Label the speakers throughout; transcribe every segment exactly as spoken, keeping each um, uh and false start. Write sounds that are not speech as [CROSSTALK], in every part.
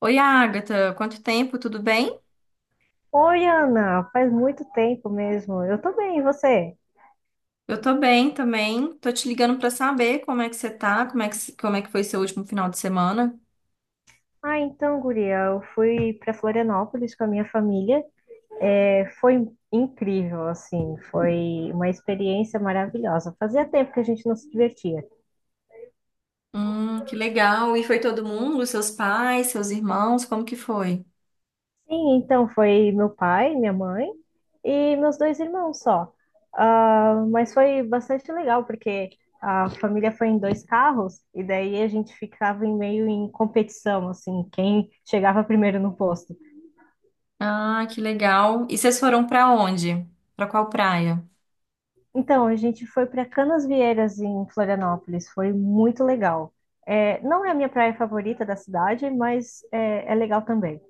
Speaker 1: Oi, Agatha, quanto tempo? Tudo bem?
Speaker 2: Oi, Ana, faz muito tempo mesmo. Eu tô bem, e você?
Speaker 1: Eu tô bem também. Tô te ligando pra saber como é que você tá, como é que, como é que foi seu último final de semana.
Speaker 2: Ah, então, guria, eu fui para Florianópolis com a minha família. É, foi incrível, assim, foi uma experiência maravilhosa. Fazia tempo que a gente não se divertia.
Speaker 1: Hum, que legal. E foi todo mundo? Seus pais, seus irmãos? Como que foi?
Speaker 2: Sim, então foi meu pai, minha mãe e meus dois irmãos só. Ah, mas foi bastante legal, porque a família foi em dois carros e daí a gente ficava em meio em competição, assim, quem chegava primeiro no posto.
Speaker 1: Ah, que legal. E vocês foram pra onde? Pra qual praia?
Speaker 2: Então, a gente foi para Canasvieiras, em Florianópolis. Foi muito legal. É, não é a minha praia favorita da cidade, mas é, é legal também.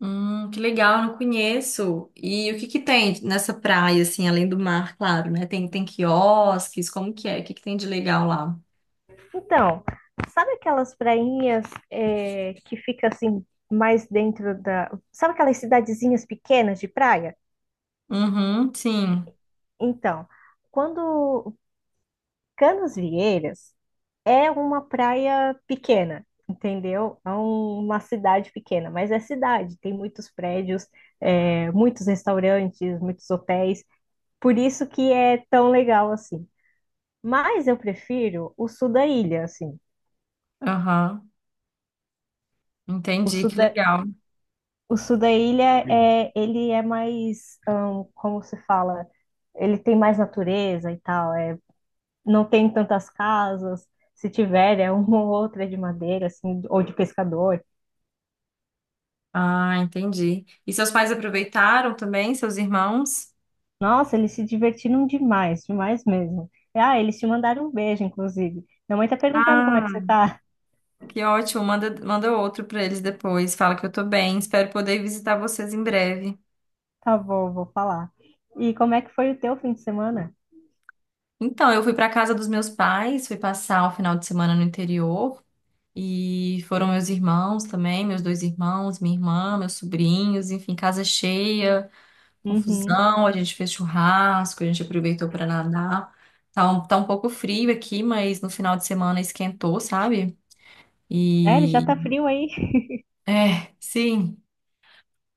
Speaker 1: Hum, que legal, eu não conheço. E o que que tem nessa praia, assim, além do mar, claro, né? Tem, tem quiosques, como que é? O que que tem de legal lá?
Speaker 2: Então, sabe aquelas prainhas é, que fica assim mais dentro da... Sabe aquelas cidadezinhas pequenas de praia?
Speaker 1: Uhum, sim.
Speaker 2: Então, quando Canasvieiras é uma praia pequena, entendeu? É um- uma cidade pequena, mas é cidade, tem muitos prédios, é, muitos restaurantes, muitos hotéis, por isso que é tão legal assim. Mas eu prefiro o sul da ilha, assim.
Speaker 1: Aham,
Speaker 2: O
Speaker 1: entendi,
Speaker 2: sul
Speaker 1: que
Speaker 2: da,
Speaker 1: legal.
Speaker 2: o sul da ilha é, ele é mais, hum, como se fala, ele tem mais natureza e tal, é, não tem tantas casas. Se tiver, é uma ou outra de madeira, assim, ou de pescador.
Speaker 1: Ah, entendi. E seus pais aproveitaram também, seus irmãos?
Speaker 2: Nossa, eles se divertiram demais, demais mesmo. Ah, eles te mandaram um beijo, inclusive. Minha mãe tá perguntando como é
Speaker 1: Ah,
Speaker 2: que você tá. [LAUGHS]
Speaker 1: que ótimo. Manda, manda outro para eles depois. Fala que eu tô bem. Espero poder visitar vocês em breve.
Speaker 2: Tá bom, vou falar. E como é que foi o teu fim de semana?
Speaker 1: Então, eu fui para casa dos meus pais, fui passar o final de semana no interior e foram meus irmãos também, meus dois irmãos, minha irmã, meus sobrinhos, enfim, casa cheia,
Speaker 2: Uhum.
Speaker 1: confusão. A gente fez churrasco, a gente aproveitou para nadar. Tá um, tá um pouco frio aqui, mas no final de semana esquentou, sabe?
Speaker 2: Sério, já
Speaker 1: E
Speaker 2: tá frio aí?
Speaker 1: É, sim,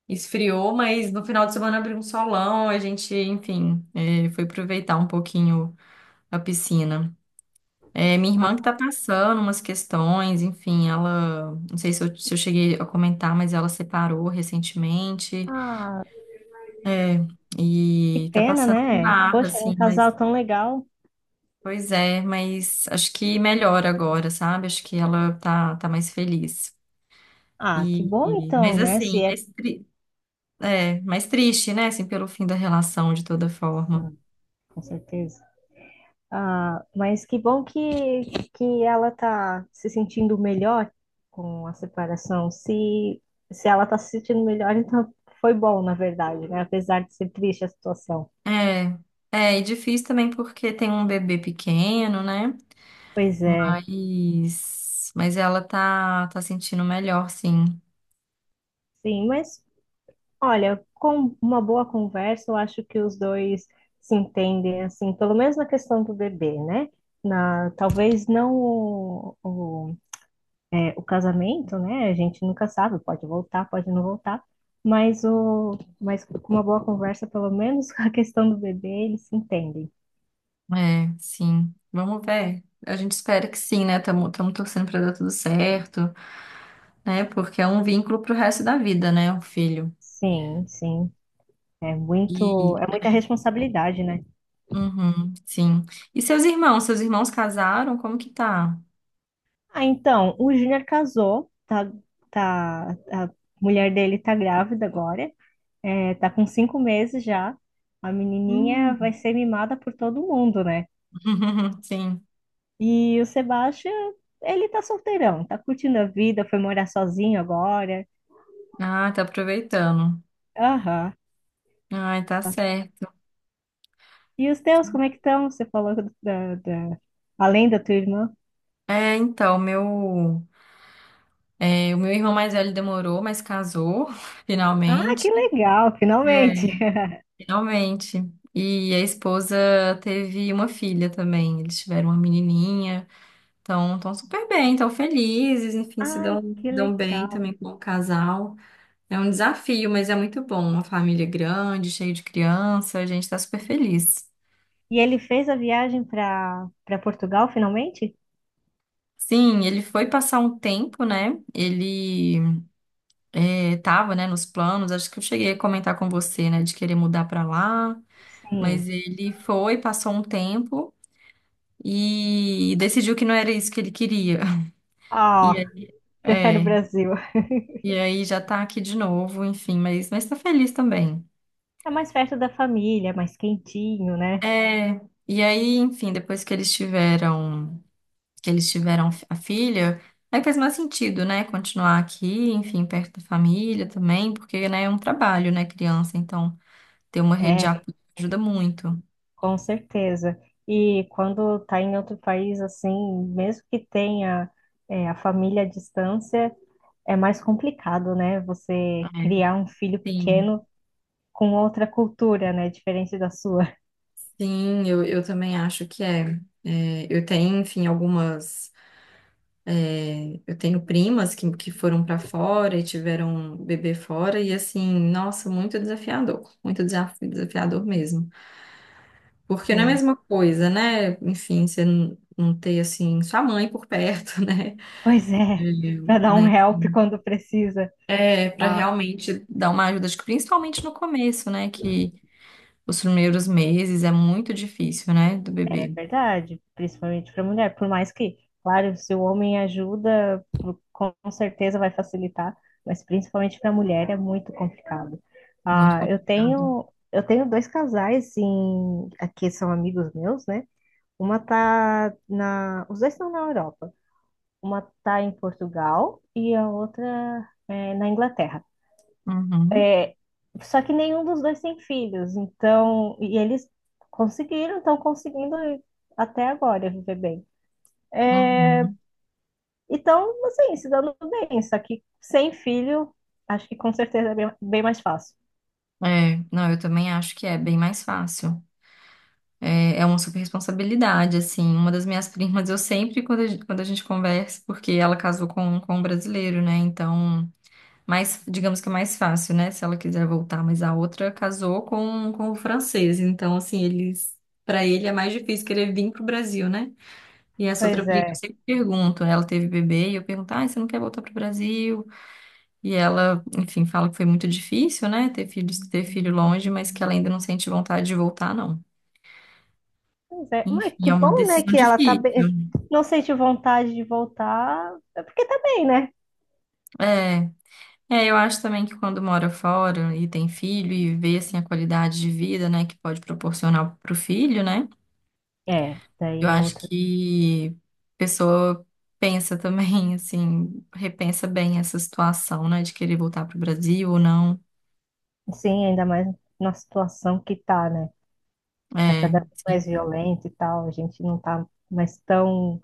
Speaker 1: esfriou, mas no final de semana abriu um solão, a gente, enfim, é, foi aproveitar um pouquinho a piscina. É, minha irmã que tá passando umas questões, enfim, ela, não sei se eu, se eu cheguei a comentar, mas ela separou recentemente,
Speaker 2: Ah,
Speaker 1: é,
Speaker 2: que
Speaker 1: e tá
Speaker 2: pena,
Speaker 1: passando por
Speaker 2: né?
Speaker 1: barra,
Speaker 2: Poxa, era um
Speaker 1: assim, mas,
Speaker 2: casal tão legal.
Speaker 1: pois é, mas acho que melhora agora, sabe? Acho que ela tá, tá mais feliz.
Speaker 2: Ah, que
Speaker 1: E,
Speaker 2: bom
Speaker 1: e- mas
Speaker 2: então, né?
Speaker 1: assim,
Speaker 2: Se é.
Speaker 1: mas tri- É, mais triste, né? Assim, pelo fim da relação, de toda forma.
Speaker 2: Hum, Com certeza. Ah, mas que bom que, que ela tá se sentindo melhor com a separação. Se, se ela tá se sentindo melhor, então foi bom, na verdade, né? Apesar de ser triste a situação.
Speaker 1: É, é, e difícil também porque tem um bebê pequeno, né?
Speaker 2: Pois é,
Speaker 1: Mas, mas ela tá, tá sentindo melhor, sim.
Speaker 2: sim, mas olha, com uma boa conversa, eu acho que os dois se entendem, assim, pelo menos na questão do bebê, né? Na, talvez não o, o- é, o casamento, né? A gente nunca sabe, pode voltar, pode não voltar, mas o, mas com uma boa conversa, pelo menos [LAUGHS] com a questão do bebê, eles se entendem.
Speaker 1: É, sim. Vamos ver. A gente espera que sim, né? Estamos torcendo pra dar tudo certo, né? Porque é um vínculo pro resto da vida, né? O filho.
Speaker 2: Sim, sim, é muito,
Speaker 1: E,
Speaker 2: é muita responsabilidade, né?
Speaker 1: uhum, sim. E seus irmãos? Seus irmãos casaram? Como que tá?
Speaker 2: Ah, então, o Júnior casou, tá, tá, a mulher dele tá grávida agora, é, tá com cinco meses já. A menininha vai
Speaker 1: Hum.
Speaker 2: ser mimada por todo mundo, né?
Speaker 1: [LAUGHS] Sim.
Speaker 2: E o Sebastião, ele tá solteirão, tá curtindo a vida, foi morar sozinho agora.
Speaker 1: Ah, tá aproveitando.
Speaker 2: Aham.
Speaker 1: Ai, tá certo.
Speaker 2: E os teus, como é que estão? Você falou da, da... Além da tua irmã.
Speaker 1: É, então, meu, é, o meu irmão mais velho demorou, mas casou, [LAUGHS]
Speaker 2: Ah, que
Speaker 1: finalmente.
Speaker 2: legal,
Speaker 1: É,
Speaker 2: finalmente. [LAUGHS]
Speaker 1: finalmente. E a esposa teve uma filha também. Eles tiveram uma menininha. Então, estão super bem, estão felizes, enfim, se dão,
Speaker 2: Ai, que
Speaker 1: dão bem
Speaker 2: legal.
Speaker 1: também como casal. É um desafio, mas é muito bom. Uma família grande, cheia de criança, a gente está super feliz.
Speaker 2: E ele fez a viagem para para Portugal, finalmente?
Speaker 1: Sim, ele foi passar um tempo, né? Ele é, tava, né, nos planos, acho que eu cheguei a comentar com você, né, de querer mudar pra lá,
Speaker 2: Sim.
Speaker 1: mas ele foi, passou um tempo e decidiu que não era isso que ele queria. [LAUGHS] E
Speaker 2: Ah,
Speaker 1: aí,
Speaker 2: prefere o
Speaker 1: é,
Speaker 2: Brasil.
Speaker 1: e aí já tá aqui de novo, enfim, mas, mas tá feliz também.
Speaker 2: É mais perto da família, é mais quentinho, né?
Speaker 1: É, e aí, enfim, depois que eles tiveram, que eles tiveram a filha, aí faz mais sentido, né, continuar aqui, enfim, perto da família também, porque, né, é um trabalho, né, criança, então ter uma rede de
Speaker 2: É,
Speaker 1: apoio ajuda muito.
Speaker 2: com certeza. E quando tá em outro país, assim, mesmo que tenha, é, a família à distância, é mais complicado, né?
Speaker 1: É.
Speaker 2: Você criar um filho
Speaker 1: Sim,
Speaker 2: pequeno com outra cultura, né? Diferente da sua.
Speaker 1: sim, eu, eu também acho que é. É, eu tenho, enfim, algumas. é, eu tenho primas que, que foram para fora e tiveram bebê fora, e assim, nossa, muito desafiador, muito desaf- desafiador mesmo. Porque não é a
Speaker 2: Sim.
Speaker 1: mesma coisa, né? Enfim, você não, não ter, assim, sua mãe por perto, [LAUGHS] né?
Speaker 2: Pois é,
Speaker 1: Eu-
Speaker 2: para dar um
Speaker 1: né?
Speaker 2: help quando precisa.
Speaker 1: É, para
Speaker 2: Ah,
Speaker 1: realmente dar uma ajuda, acho que principalmente no começo, né? Que os primeiros meses é muito difícil, né? Do
Speaker 2: é
Speaker 1: bebê,
Speaker 2: verdade, principalmente para mulher. Por mais que, claro, se o homem ajuda, pro- com certeza vai facilitar, mas principalmente para mulher é muito complicado.
Speaker 1: muito
Speaker 2: Ah, eu
Speaker 1: complicado.
Speaker 2: tenho, eu tenho dois casais em, aqui são amigos meus, né? Uma tá na, os dois estão na Europa. Uma tá em Portugal e a outra é, na Inglaterra.
Speaker 1: Uhum,
Speaker 2: Só que nenhum dos dois tem filhos, então, e eles conseguiram, estão conseguindo até agora viver bem.
Speaker 1: uhum.
Speaker 2: Então, assim, se dando bem, só que sem filho, acho que com certeza é bem, bem mais fácil.
Speaker 1: É, não, eu também acho que é bem mais fácil. É, é uma super responsabilidade, assim. Uma das minhas [LAUGHS] primas, eu sempre, quando a, gen- quando a gente conversa, porque ela casou com, com um brasileiro, né? Então, mais, digamos que é mais fácil, né? Se ela quiser voltar, mas a outra casou com, com o francês. Então, assim, eles, para ele é mais difícil querer vir pro Brasil, né? E essa outra
Speaker 2: Pois
Speaker 1: prima, eu
Speaker 2: é,
Speaker 1: sempre pergunto, ela teve bebê, e eu pergunto, ah, você não quer voltar pro Brasil? E ela, enfim, fala que foi muito difícil, né, ter filhos, ter filho longe, mas que ela ainda não sente vontade de voltar, não.
Speaker 2: pois é. Mas
Speaker 1: Enfim,
Speaker 2: que
Speaker 1: é uma
Speaker 2: bom, né,
Speaker 1: decisão
Speaker 2: que ela tá
Speaker 1: difícil.
Speaker 2: bem, não sente vontade de voltar, é porque tá bem, né?
Speaker 1: É, é, eu acho também que quando mora fora e tem filho e vê, assim, a qualidade de vida, né, que pode proporcionar pro filho, né,
Speaker 2: É,
Speaker 1: eu
Speaker 2: daí é
Speaker 1: acho
Speaker 2: outro.
Speaker 1: que a pessoa pensa também, [LAUGHS] assim, repensa bem essa situação, né, de querer voltar pro Brasil ou não.
Speaker 2: Sim, ainda mais na situação que tá, né? Tá
Speaker 1: É,
Speaker 2: cada vez
Speaker 1: sim.
Speaker 2: mais violenta e tal, a gente não tá mais tão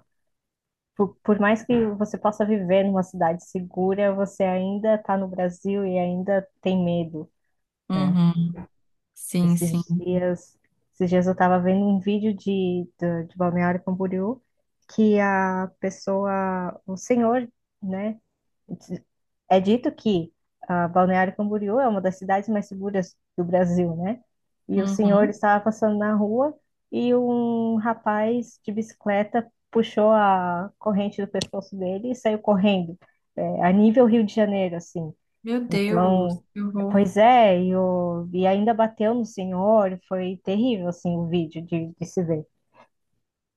Speaker 2: por, por mais que você possa viver numa cidade segura, você ainda está no Brasil e ainda tem medo, né?
Speaker 1: Uhum. Sim, sim.
Speaker 2: Esses dias, esses dias eu estava vendo um vídeo de, de, de Balneário Camboriú que a pessoa, o senhor, né? É dito que ah, Balneário Camboriú é uma das cidades mais seguras do Brasil, né? E o senhor
Speaker 1: Uhum.
Speaker 2: estava passando na rua e um rapaz de bicicleta puxou a corrente do pescoço dele e saiu correndo, é, a nível Rio de Janeiro, assim.
Speaker 1: Meu Deus,
Speaker 2: Então,
Speaker 1: eu vou.
Speaker 2: pois é, e, o- e ainda bateu no senhor, foi terrível, assim, o vídeo de de se ver.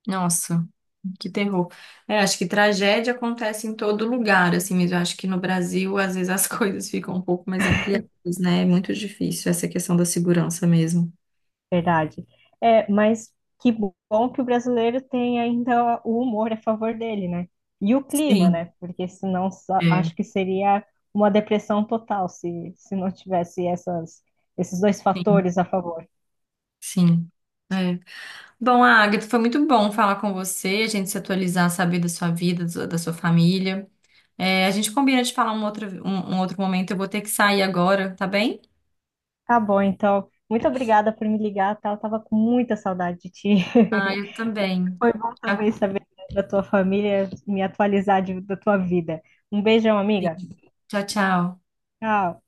Speaker 1: Nossa, que terror. É, acho que tragédia acontece em todo lugar, assim mesmo. Eu acho que no Brasil, às vezes, as [LAUGHS] coisas ficam um pouco mais ampliadas, né? É muito difícil essa questão da segurança mesmo.
Speaker 2: Verdade. É, mas que bom que o brasileiro tem ainda o humor a favor dele, né? E o clima,
Speaker 1: Sim,
Speaker 2: né? Porque senão só-
Speaker 1: é.
Speaker 2: acho que seria uma depressão total se, se não tivesse essas, esses dois
Speaker 1: Sim.
Speaker 2: fatores a favor.
Speaker 1: Sim. É. Bom, Agatha, foi muito bom falar com você, a gente se atualizar, saber da sua vida, da sua da sua família. É, a gente combina de falar um outro, um, um outro momento. Eu vou ter que sair agora, tá bem?
Speaker 2: Tá bom, então. Muito obrigada por me ligar, tá? Eu tava com muita saudade de ti.
Speaker 1: Ah,
Speaker 2: [LAUGHS]
Speaker 1: eu também.
Speaker 2: Foi bom
Speaker 1: Tchau,
Speaker 2: também saber da tua família, me atualizar de- da tua vida. Um beijão, amiga.
Speaker 1: tchau. tchau.
Speaker 2: Tchau.